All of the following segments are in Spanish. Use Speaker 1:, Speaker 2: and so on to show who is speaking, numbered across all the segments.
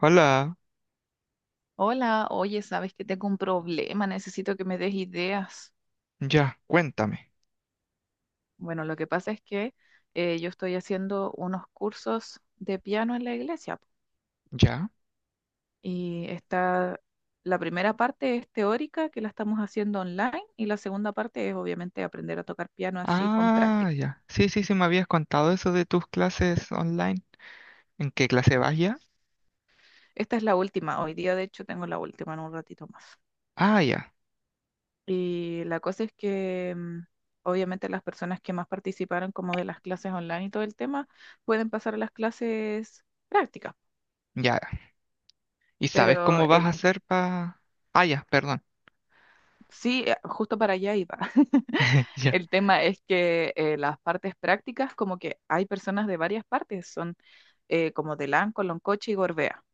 Speaker 1: Hola,
Speaker 2: Hola, oye, sabes que tengo un problema, necesito que me des ideas.
Speaker 1: ya, cuéntame,
Speaker 2: Bueno, lo que pasa es que yo estoy haciendo unos cursos de piano en la iglesia po,
Speaker 1: ¿ya?
Speaker 2: y está la primera parte es teórica, que la estamos haciendo online, y la segunda parte es obviamente aprender a tocar piano así con
Speaker 1: Ah,
Speaker 2: práctica.
Speaker 1: ya. Sí, sí, sí, me habías contado eso de tus clases online. ¿En qué clase vas ya?
Speaker 2: Esta es la última, hoy día de hecho tengo la última en un ratito más.
Speaker 1: Ah, ya,
Speaker 2: Y la cosa es que obviamente las personas que más participaron como de las clases online y todo el tema pueden pasar a las clases prácticas,
Speaker 1: ya. ¿Y sabes
Speaker 2: pero
Speaker 1: cómo vas a
Speaker 2: el,
Speaker 1: hacer para... Ah, ya, perdón.
Speaker 2: sí, justo para allá iba.
Speaker 1: Ya.
Speaker 2: El tema es que las partes prácticas como que hay personas de varias partes, son como de Lanco, Loncoche y Gorbea.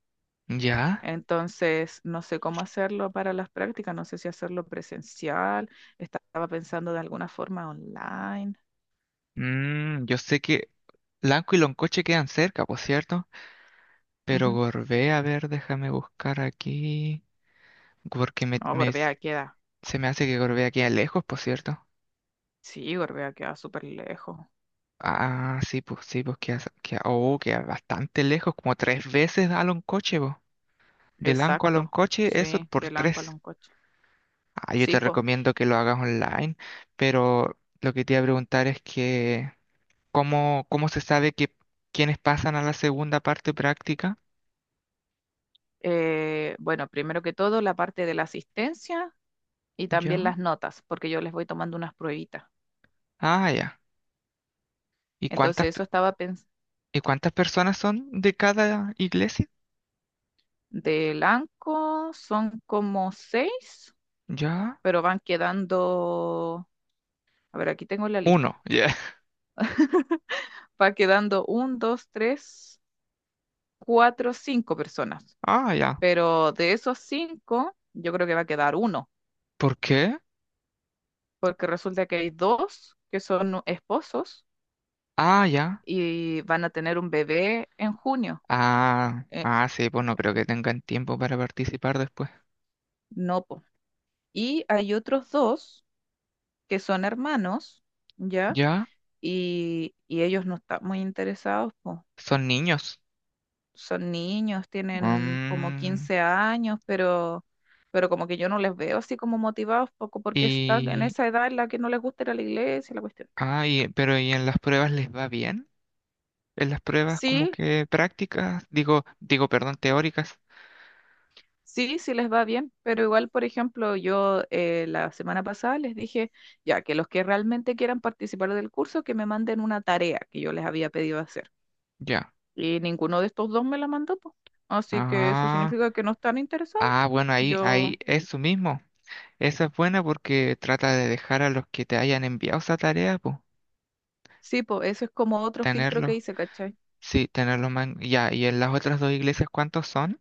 Speaker 1: ¿Ya?
Speaker 2: Entonces, no sé cómo hacerlo para las prácticas, no sé si hacerlo presencial, estaba pensando de alguna forma online.
Speaker 1: Yo sé que Lanco y Loncoche quedan cerca, por cierto. Pero
Speaker 2: Ujú.
Speaker 1: Gorbea, a ver, déjame buscar aquí. Porque
Speaker 2: No, Gorbea queda.
Speaker 1: se me hace que Gorbea queda lejos, por cierto.
Speaker 2: Sí, Gorbea queda súper lejos.
Speaker 1: Ah, sí, pues oh, queda bastante lejos, como tres veces a Loncoche, pues. De Lanco a
Speaker 2: Exacto.
Speaker 1: Loncoche, eso
Speaker 2: Sí,
Speaker 1: por
Speaker 2: de Lanco a
Speaker 1: tres.
Speaker 2: Loncocho.
Speaker 1: Ah, yo
Speaker 2: Sí,
Speaker 1: te
Speaker 2: pues.
Speaker 1: recomiendo que lo hagas online, pero lo que te iba a preguntar es que ¿cómo, cómo se sabe que quiénes pasan a la segunda parte práctica?
Speaker 2: Bueno, primero que todo, la parte de la asistencia y
Speaker 1: Ya.
Speaker 2: también las notas, porque yo les voy tomando unas pruebitas.
Speaker 1: Ah, ya. ¿Y
Speaker 2: Entonces, eso estaba pensando.
Speaker 1: y cuántas personas son de cada iglesia?
Speaker 2: De Lanco son como 6,
Speaker 1: Ya.
Speaker 2: pero van quedando. A ver, aquí tengo la lista.
Speaker 1: Uno, ya.
Speaker 2: Va quedando un, dos, tres, cuatro, 5 personas.
Speaker 1: Ah, ya.
Speaker 2: Pero de esos cinco, yo creo que va a quedar uno
Speaker 1: ¿Por qué?
Speaker 2: porque resulta que hay dos que son esposos
Speaker 1: Ah, ya.
Speaker 2: y van a tener un bebé en junio.
Speaker 1: Ah,
Speaker 2: Eh,
Speaker 1: ah, sí, pues no creo que tengan tiempo para participar después.
Speaker 2: no, po. Y hay otros dos que son hermanos, ¿ya?
Speaker 1: ¿Ya?
Speaker 2: Y ellos no están muy interesados, po.
Speaker 1: Son niños.
Speaker 2: Son niños, tienen como
Speaker 1: Mm,
Speaker 2: 15 años, pero como que yo no les veo así como motivados, poco porque están en
Speaker 1: y,
Speaker 2: esa edad en la que no les gusta ir a la iglesia, la cuestión.
Speaker 1: ah, pero ¿y en las pruebas les va bien? En las pruebas como
Speaker 2: Sí,
Speaker 1: que prácticas, digo, perdón, teóricas.
Speaker 2: sí, sí les va bien, pero igual, por ejemplo, yo la semana pasada les dije ya que los que realmente quieran participar del curso, que me manden una tarea que yo les había pedido hacer.
Speaker 1: Ya.
Speaker 2: Y ninguno de estos dos me la mandó, po. Así que eso
Speaker 1: Ah,
Speaker 2: significa que no están interesados.
Speaker 1: ah, bueno, ahí,
Speaker 2: Yo,
Speaker 1: ahí, eso mismo. Esa es buena porque trata de dejar a los que te hayan enviado esa tarea, pues,
Speaker 2: sí, pues eso es como otro filtro
Speaker 1: tenerlos.
Speaker 2: que hice, ¿cachai?
Speaker 1: Sí, tenerlos más. Ya, y en las otras dos iglesias, ¿cuántos son?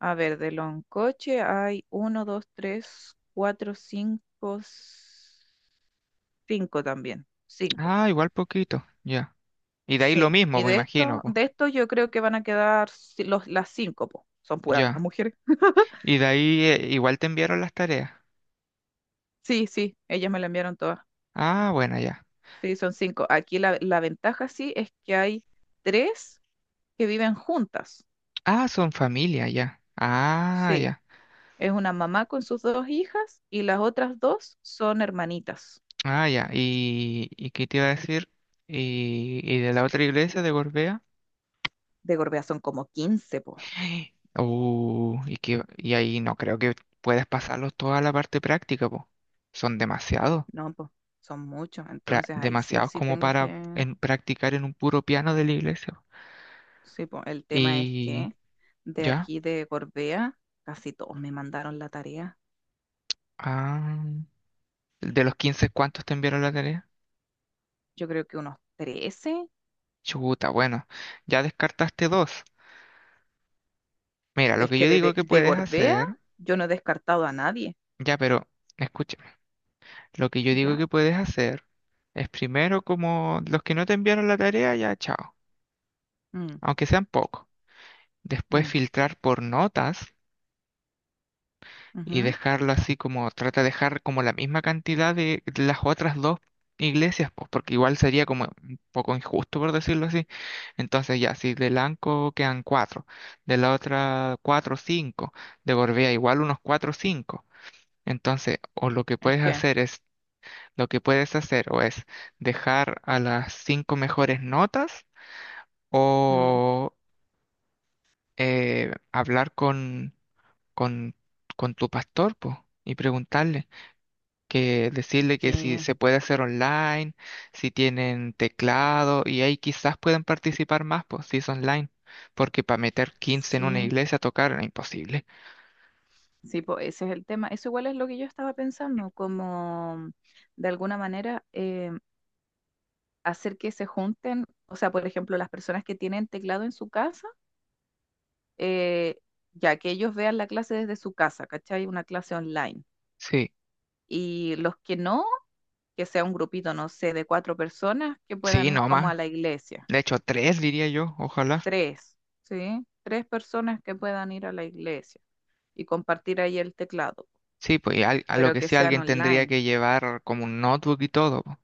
Speaker 2: A ver, de Loncoche hay uno, dos, tres, cuatro, cinco, cinco también, cinco.
Speaker 1: Ah, igual poquito. Ya. Y de ahí lo
Speaker 2: Sí,
Speaker 1: mismo,
Speaker 2: y
Speaker 1: me
Speaker 2: de
Speaker 1: imagino,
Speaker 2: esto,
Speaker 1: pues.
Speaker 2: de esto yo creo que van a quedar ci- los, las 5, po. Son puras
Speaker 1: Ya.
Speaker 2: mujeres.
Speaker 1: Y de ahí igual te enviaron las tareas.
Speaker 2: Sí, sí, ellas me la enviaron todas.
Speaker 1: Ah, bueno, ya.
Speaker 2: Sí, son 5. Aquí la, la ventaja sí es que hay tres que viven juntas.
Speaker 1: Ah, son familia, ya. Ah,
Speaker 2: Sí,
Speaker 1: ya.
Speaker 2: es una mamá con sus dos hijas y las otras dos son hermanitas.
Speaker 1: Ah, ya. Y qué te iba a decir? Y de la otra iglesia de Gorbea?
Speaker 2: De Gorbea son como 15 po.
Speaker 1: Y ahí no creo que puedas pasarlos toda la parte práctica, pues. Son demasiados.
Speaker 2: No, po, son muchos. Entonces ahí sí o
Speaker 1: Demasiados
Speaker 2: sí
Speaker 1: como
Speaker 2: tengo
Speaker 1: para
Speaker 2: que...
Speaker 1: practicar en un puro piano de la iglesia.
Speaker 2: Sí, po, el tema es
Speaker 1: Y
Speaker 2: que de
Speaker 1: ya.
Speaker 2: aquí de Gorbea casi todos me mandaron la tarea.
Speaker 1: Ah. ¿De los 15 cuántos te enviaron la tarea?
Speaker 2: Yo creo que unos 13.
Speaker 1: Chuta, bueno, ya descartaste dos. Mira, lo
Speaker 2: Es
Speaker 1: que
Speaker 2: que
Speaker 1: yo
Speaker 2: de,
Speaker 1: digo
Speaker 2: de,
Speaker 1: que
Speaker 2: de
Speaker 1: puedes
Speaker 2: Gorbea
Speaker 1: hacer,
Speaker 2: yo no he descartado a nadie,
Speaker 1: ya, pero escúchame, lo que yo digo
Speaker 2: ¿ya?
Speaker 1: que puedes hacer es primero como los que no te enviaron la tarea, ya, chao,
Speaker 2: Mm,
Speaker 1: aunque sean pocos. Después
Speaker 2: mm,
Speaker 1: filtrar por notas y
Speaker 2: ujú.
Speaker 1: dejarlo así como, trata de dejar como la misma cantidad de las otras dos iglesias, pues porque igual sería como un poco injusto por decirlo así. Entonces ya, si de Lanco quedan cuatro, de la otra cuatro o cinco, de Gorbea igual unos cuatro o cinco. Entonces, o lo que
Speaker 2: Es
Speaker 1: puedes
Speaker 2: que,
Speaker 1: hacer es, lo que puedes hacer o es dejar a las cinco mejores notas
Speaker 2: mm,
Speaker 1: o hablar con, con tu pastor, pues, y preguntarle. Que decirle que si
Speaker 2: sí,
Speaker 1: se puede hacer online, si tienen teclado y ahí quizás pueden participar más, pues si es online, porque para meter 15 en una
Speaker 2: sí,
Speaker 1: iglesia a tocar era imposible.
Speaker 2: sí, po, ese es el tema. Eso igual es lo que yo estaba pensando, como de alguna manera hacer que se junten, o sea, por ejemplo, las personas que tienen teclado en su casa, eh, ya que ellos vean la clase desde su casa, ¿cachai? Una clase online.
Speaker 1: Sí,
Speaker 2: Y los que no, que sea un grupito, no sé, de 4 personas que
Speaker 1: sí,
Speaker 2: puedan ir
Speaker 1: no
Speaker 2: como a
Speaker 1: más.
Speaker 2: la iglesia.
Speaker 1: De hecho, tres diría yo, ojalá.
Speaker 2: Tres, ¿sí? Tres personas que puedan ir a la iglesia y compartir ahí el teclado,
Speaker 1: Sí, pues a lo
Speaker 2: pero
Speaker 1: que
Speaker 2: que
Speaker 1: sí
Speaker 2: sean
Speaker 1: alguien tendría
Speaker 2: online.
Speaker 1: que llevar como un notebook y todo. Po.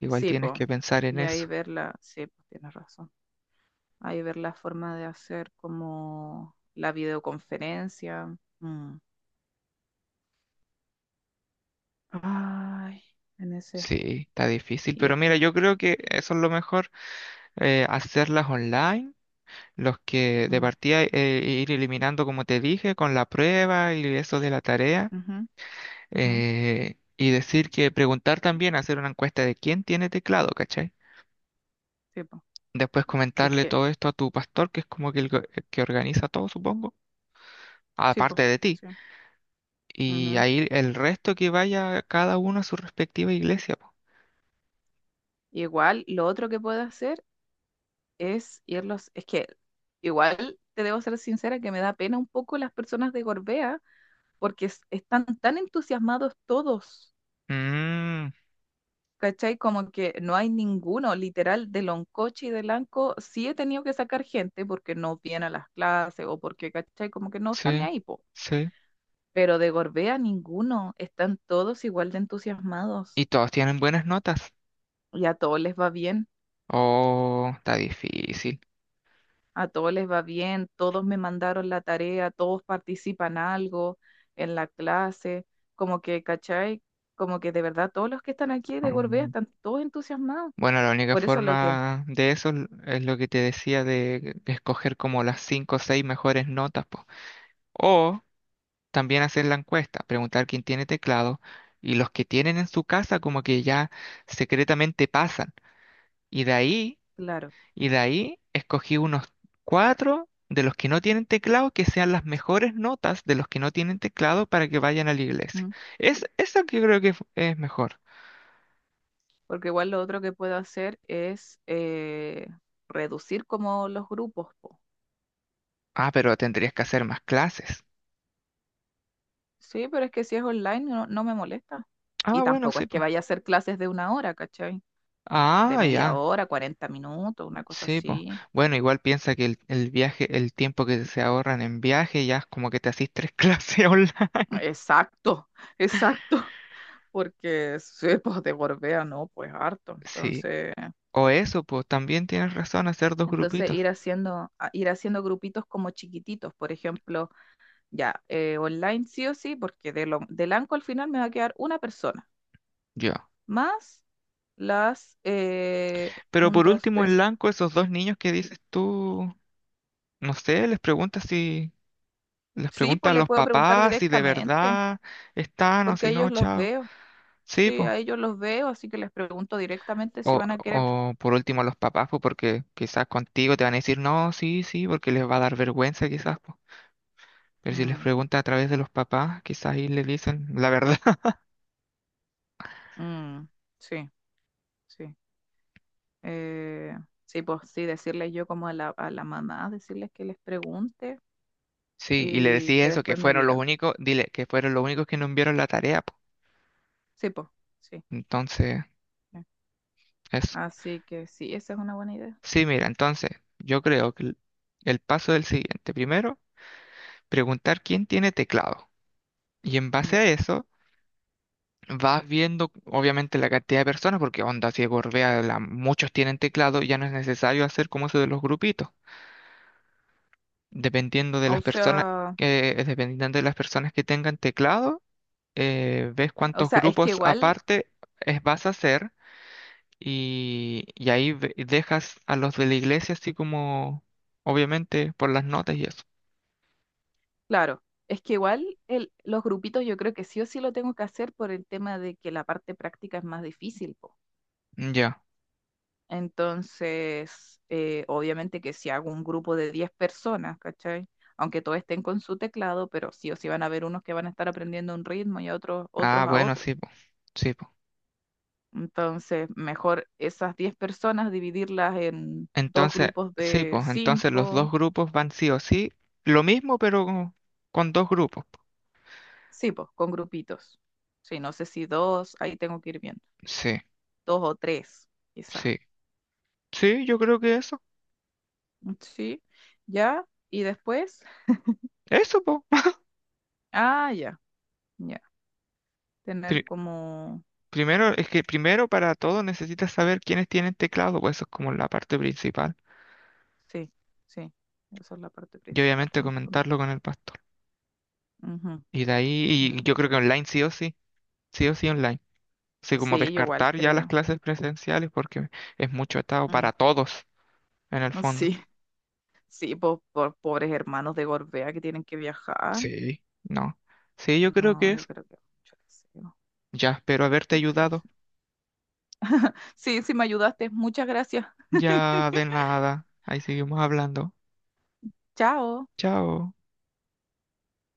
Speaker 1: Igual
Speaker 2: Sí,
Speaker 1: tienes
Speaker 2: po.
Speaker 1: que pensar en
Speaker 2: Y ahí
Speaker 1: eso.
Speaker 2: ver la, sí, pues tienes razón. Ahí ver la forma de hacer como la videoconferencia. Mm. Ay, en ese.
Speaker 1: Sí, está difícil,
Speaker 2: Y
Speaker 1: pero
Speaker 2: es
Speaker 1: mira,
Speaker 2: que.
Speaker 1: yo creo que eso es lo mejor, hacerlas online los que de
Speaker 2: Mm,
Speaker 1: partida ir eliminando, como te dije, con la prueba y eso de la tarea.
Speaker 2: ujú, ujú,
Speaker 1: Y decir que preguntar también, hacer una encuesta de quién tiene teclado, ¿cachai?
Speaker 2: sí, po.
Speaker 1: Después
Speaker 2: Y es
Speaker 1: comentarle
Speaker 2: que.
Speaker 1: todo esto a tu pastor, que es como que el que organiza todo, supongo,
Speaker 2: Sí,
Speaker 1: aparte
Speaker 2: po.
Speaker 1: de ti.
Speaker 2: Sí.
Speaker 1: Y
Speaker 2: Ujú.
Speaker 1: ahí el resto que vaya cada uno a su respectiva iglesia. Po.
Speaker 2: Igual, lo otro que puedo hacer es irlos, es que igual te debo ser sincera que me da pena un poco las personas de Gorbea porque es- están tan entusiasmados todos,
Speaker 1: Mm,
Speaker 2: ¿cachai? Como que no hay ninguno, literal, de Loncoche y de Lanco, sí he tenido que sacar gente porque no viene a las clases o porque, ¿cachai? Como que no están ni
Speaker 1: sí,
Speaker 2: ahí, po.
Speaker 1: sí.
Speaker 2: Pero de Gorbea ninguno, están todos igual de entusiasmados
Speaker 1: Y todos tienen buenas notas.
Speaker 2: y a todos les va bien.
Speaker 1: Oh, está difícil.
Speaker 2: A todos les va bien, todos me mandaron la tarea, todos participan algo en la clase, como que, ¿cachai? Como que de verdad todos los que están aquí de Gorbea
Speaker 1: Mm.
Speaker 2: están todos entusiasmados.
Speaker 1: Bueno, la única
Speaker 2: Por eso lo que,
Speaker 1: forma de eso es lo que te decía de escoger como las cinco o seis mejores notas, po. O también hacer la encuesta, preguntar quién tiene teclado y los que tienen en su casa como que ya secretamente pasan. Y de ahí,
Speaker 2: claro,
Speaker 1: y de ahí escogí unos cuatro de los que no tienen teclado que sean las mejores notas de los que no tienen teclado para que vayan a la iglesia.
Speaker 2: ¿m?
Speaker 1: Es eso que creo que es mejor.
Speaker 2: Porque igual lo otro que puedo hacer es reducir como los grupos, po.
Speaker 1: Ah, pero tendrías que hacer más clases.
Speaker 2: Sí, pero es que si es online no, no me molesta.
Speaker 1: Ah,
Speaker 2: Y
Speaker 1: bueno,
Speaker 2: tampoco
Speaker 1: sí,
Speaker 2: es que
Speaker 1: pues.
Speaker 2: vaya a hacer clases de una hora, ¿cachai? De
Speaker 1: Ah,
Speaker 2: media
Speaker 1: ya.
Speaker 2: hora, 40 minutos, una cosa
Speaker 1: Sí, pues.
Speaker 2: así.
Speaker 1: Bueno, igual piensa que el viaje, el tiempo que se ahorran en viaje, ya es como que te hacís tres clases online.
Speaker 2: Exacto, exacto. Porque sí, pues de Gorbea no, pues harto.
Speaker 1: Sí.
Speaker 2: Entonces,
Speaker 1: O eso, pues también tienes razón, hacer dos
Speaker 2: entonces
Speaker 1: grupitos.
Speaker 2: ir haciendo, a- ir haciendo grupitos como chiquititos, por ejemplo, ya, online sí o sí, porque de lo, del ANCO al final me va a quedar una persona,
Speaker 1: Yo.
Speaker 2: más las,
Speaker 1: Pero
Speaker 2: un,
Speaker 1: por
Speaker 2: dos,
Speaker 1: último, en
Speaker 2: tres,
Speaker 1: blanco, esos dos niños que dices tú, no sé, les
Speaker 2: sí,
Speaker 1: preguntas a
Speaker 2: pues le
Speaker 1: los
Speaker 2: puedo preguntar
Speaker 1: papás si de
Speaker 2: directamente,
Speaker 1: verdad están o
Speaker 2: porque a
Speaker 1: si no,
Speaker 2: ellos los
Speaker 1: chao.
Speaker 2: veo,
Speaker 1: Sí,
Speaker 2: sí,
Speaker 1: pues.
Speaker 2: a ellos los veo, así que les pregunto directamente si
Speaker 1: O,
Speaker 2: van a querer.
Speaker 1: o por último a los papás, pues porque quizás contigo te van a decir no, sí, sí, porque les va a dar vergüenza quizás. Pues. Pero si les
Speaker 2: Mm,
Speaker 1: pregunta a través de los papás, quizás ahí le dicen la verdad.
Speaker 2: mm, sí, sí. Eh, sí, pues sí, decirles yo como a la mamá, decirles que les pregunte
Speaker 1: Sí, y le
Speaker 2: y
Speaker 1: decís
Speaker 2: que
Speaker 1: eso, que
Speaker 2: después me
Speaker 1: fueron los
Speaker 2: diga.
Speaker 1: únicos, dile, que fueron los únicos que no enviaron la tarea, po.
Speaker 2: Sí, pues, sí.
Speaker 1: Entonces,
Speaker 2: Eh.
Speaker 1: eso.
Speaker 2: Así que sí, esa es una buena idea.
Speaker 1: Sí, mira, entonces, yo creo que el paso del siguiente. Primero, preguntar quién tiene teclado. Y en base
Speaker 2: Ya.
Speaker 1: a eso, vas viendo, obviamente, la cantidad de personas, porque onda, si Gorbea, muchos tienen teclado, ya no es necesario hacer como eso de los grupitos. Dependiendo de las
Speaker 2: O
Speaker 1: personas,
Speaker 2: sea,
Speaker 1: que dependiendo de las personas que tengan teclado ves
Speaker 2: o
Speaker 1: cuántos
Speaker 2: sea, es que
Speaker 1: grupos
Speaker 2: igual,
Speaker 1: aparte vas a hacer y ahí dejas a los de la iglesia así como, obviamente, por las notas y eso.
Speaker 2: claro, es que igual el, los grupitos yo creo que sí o sí lo tengo que hacer por el tema de que la parte práctica es más difícil, po.
Speaker 1: Mm, ya.
Speaker 2: Entonces, obviamente que si hago un grupo de 10 personas, ¿cachai? Aunque todos estén con su teclado, pero sí o sí van a haber unos que van a estar aprendiendo un ritmo y a otros,
Speaker 1: Ah,
Speaker 2: otros a
Speaker 1: bueno,
Speaker 2: otro.
Speaker 1: sí, po. Sí, po.
Speaker 2: Entonces, mejor esas 10 personas dividirlas en dos
Speaker 1: Entonces,
Speaker 2: grupos
Speaker 1: sí,
Speaker 2: de
Speaker 1: pues, entonces los dos
Speaker 2: cinco,
Speaker 1: grupos van sí o sí. Lo mismo, pero con dos grupos. Po.
Speaker 2: sí, pues, con grupitos. Sí, no sé si dos, ahí tengo que ir viendo.
Speaker 1: Sí,
Speaker 2: Dos o tres, quizá.
Speaker 1: sí. Sí, yo creo que eso.
Speaker 2: Sí, ya. Y después,
Speaker 1: Eso, pues.
Speaker 2: ah, ya, ya. Tener como
Speaker 1: primero, es que primero para todo necesitas saber quiénes tienen teclado, pues eso es como la parte principal.
Speaker 2: sí, sí, esa es la parte
Speaker 1: Y
Speaker 2: principal
Speaker 1: obviamente
Speaker 2: en el fondo.
Speaker 1: comentarlo con el pastor.
Speaker 2: Ujú,
Speaker 1: Y de ahí, y
Speaker 2: ujú.
Speaker 1: yo creo que online sí o sí online. Así como
Speaker 2: Sí, yo igual
Speaker 1: descartar ya las
Speaker 2: creo.
Speaker 1: clases presenciales porque es mucho estado
Speaker 2: Mm,
Speaker 1: para todos en el fondo.
Speaker 2: sí, sí, po- por, pobres hermanos de Gorbea que tienen que viajar.
Speaker 1: Sí. No. Sí, yo creo
Speaker 2: No,
Speaker 1: que
Speaker 2: yo
Speaker 1: es.
Speaker 2: creo que mucho deseo,
Speaker 1: Ya espero haberte
Speaker 2: mucho
Speaker 1: ayudado.
Speaker 2: deseo. Sí, sí, me ayudaste. Muchas gracias.
Speaker 1: Ya de nada. Ahí seguimos hablando.
Speaker 2: Chao.
Speaker 1: Chao.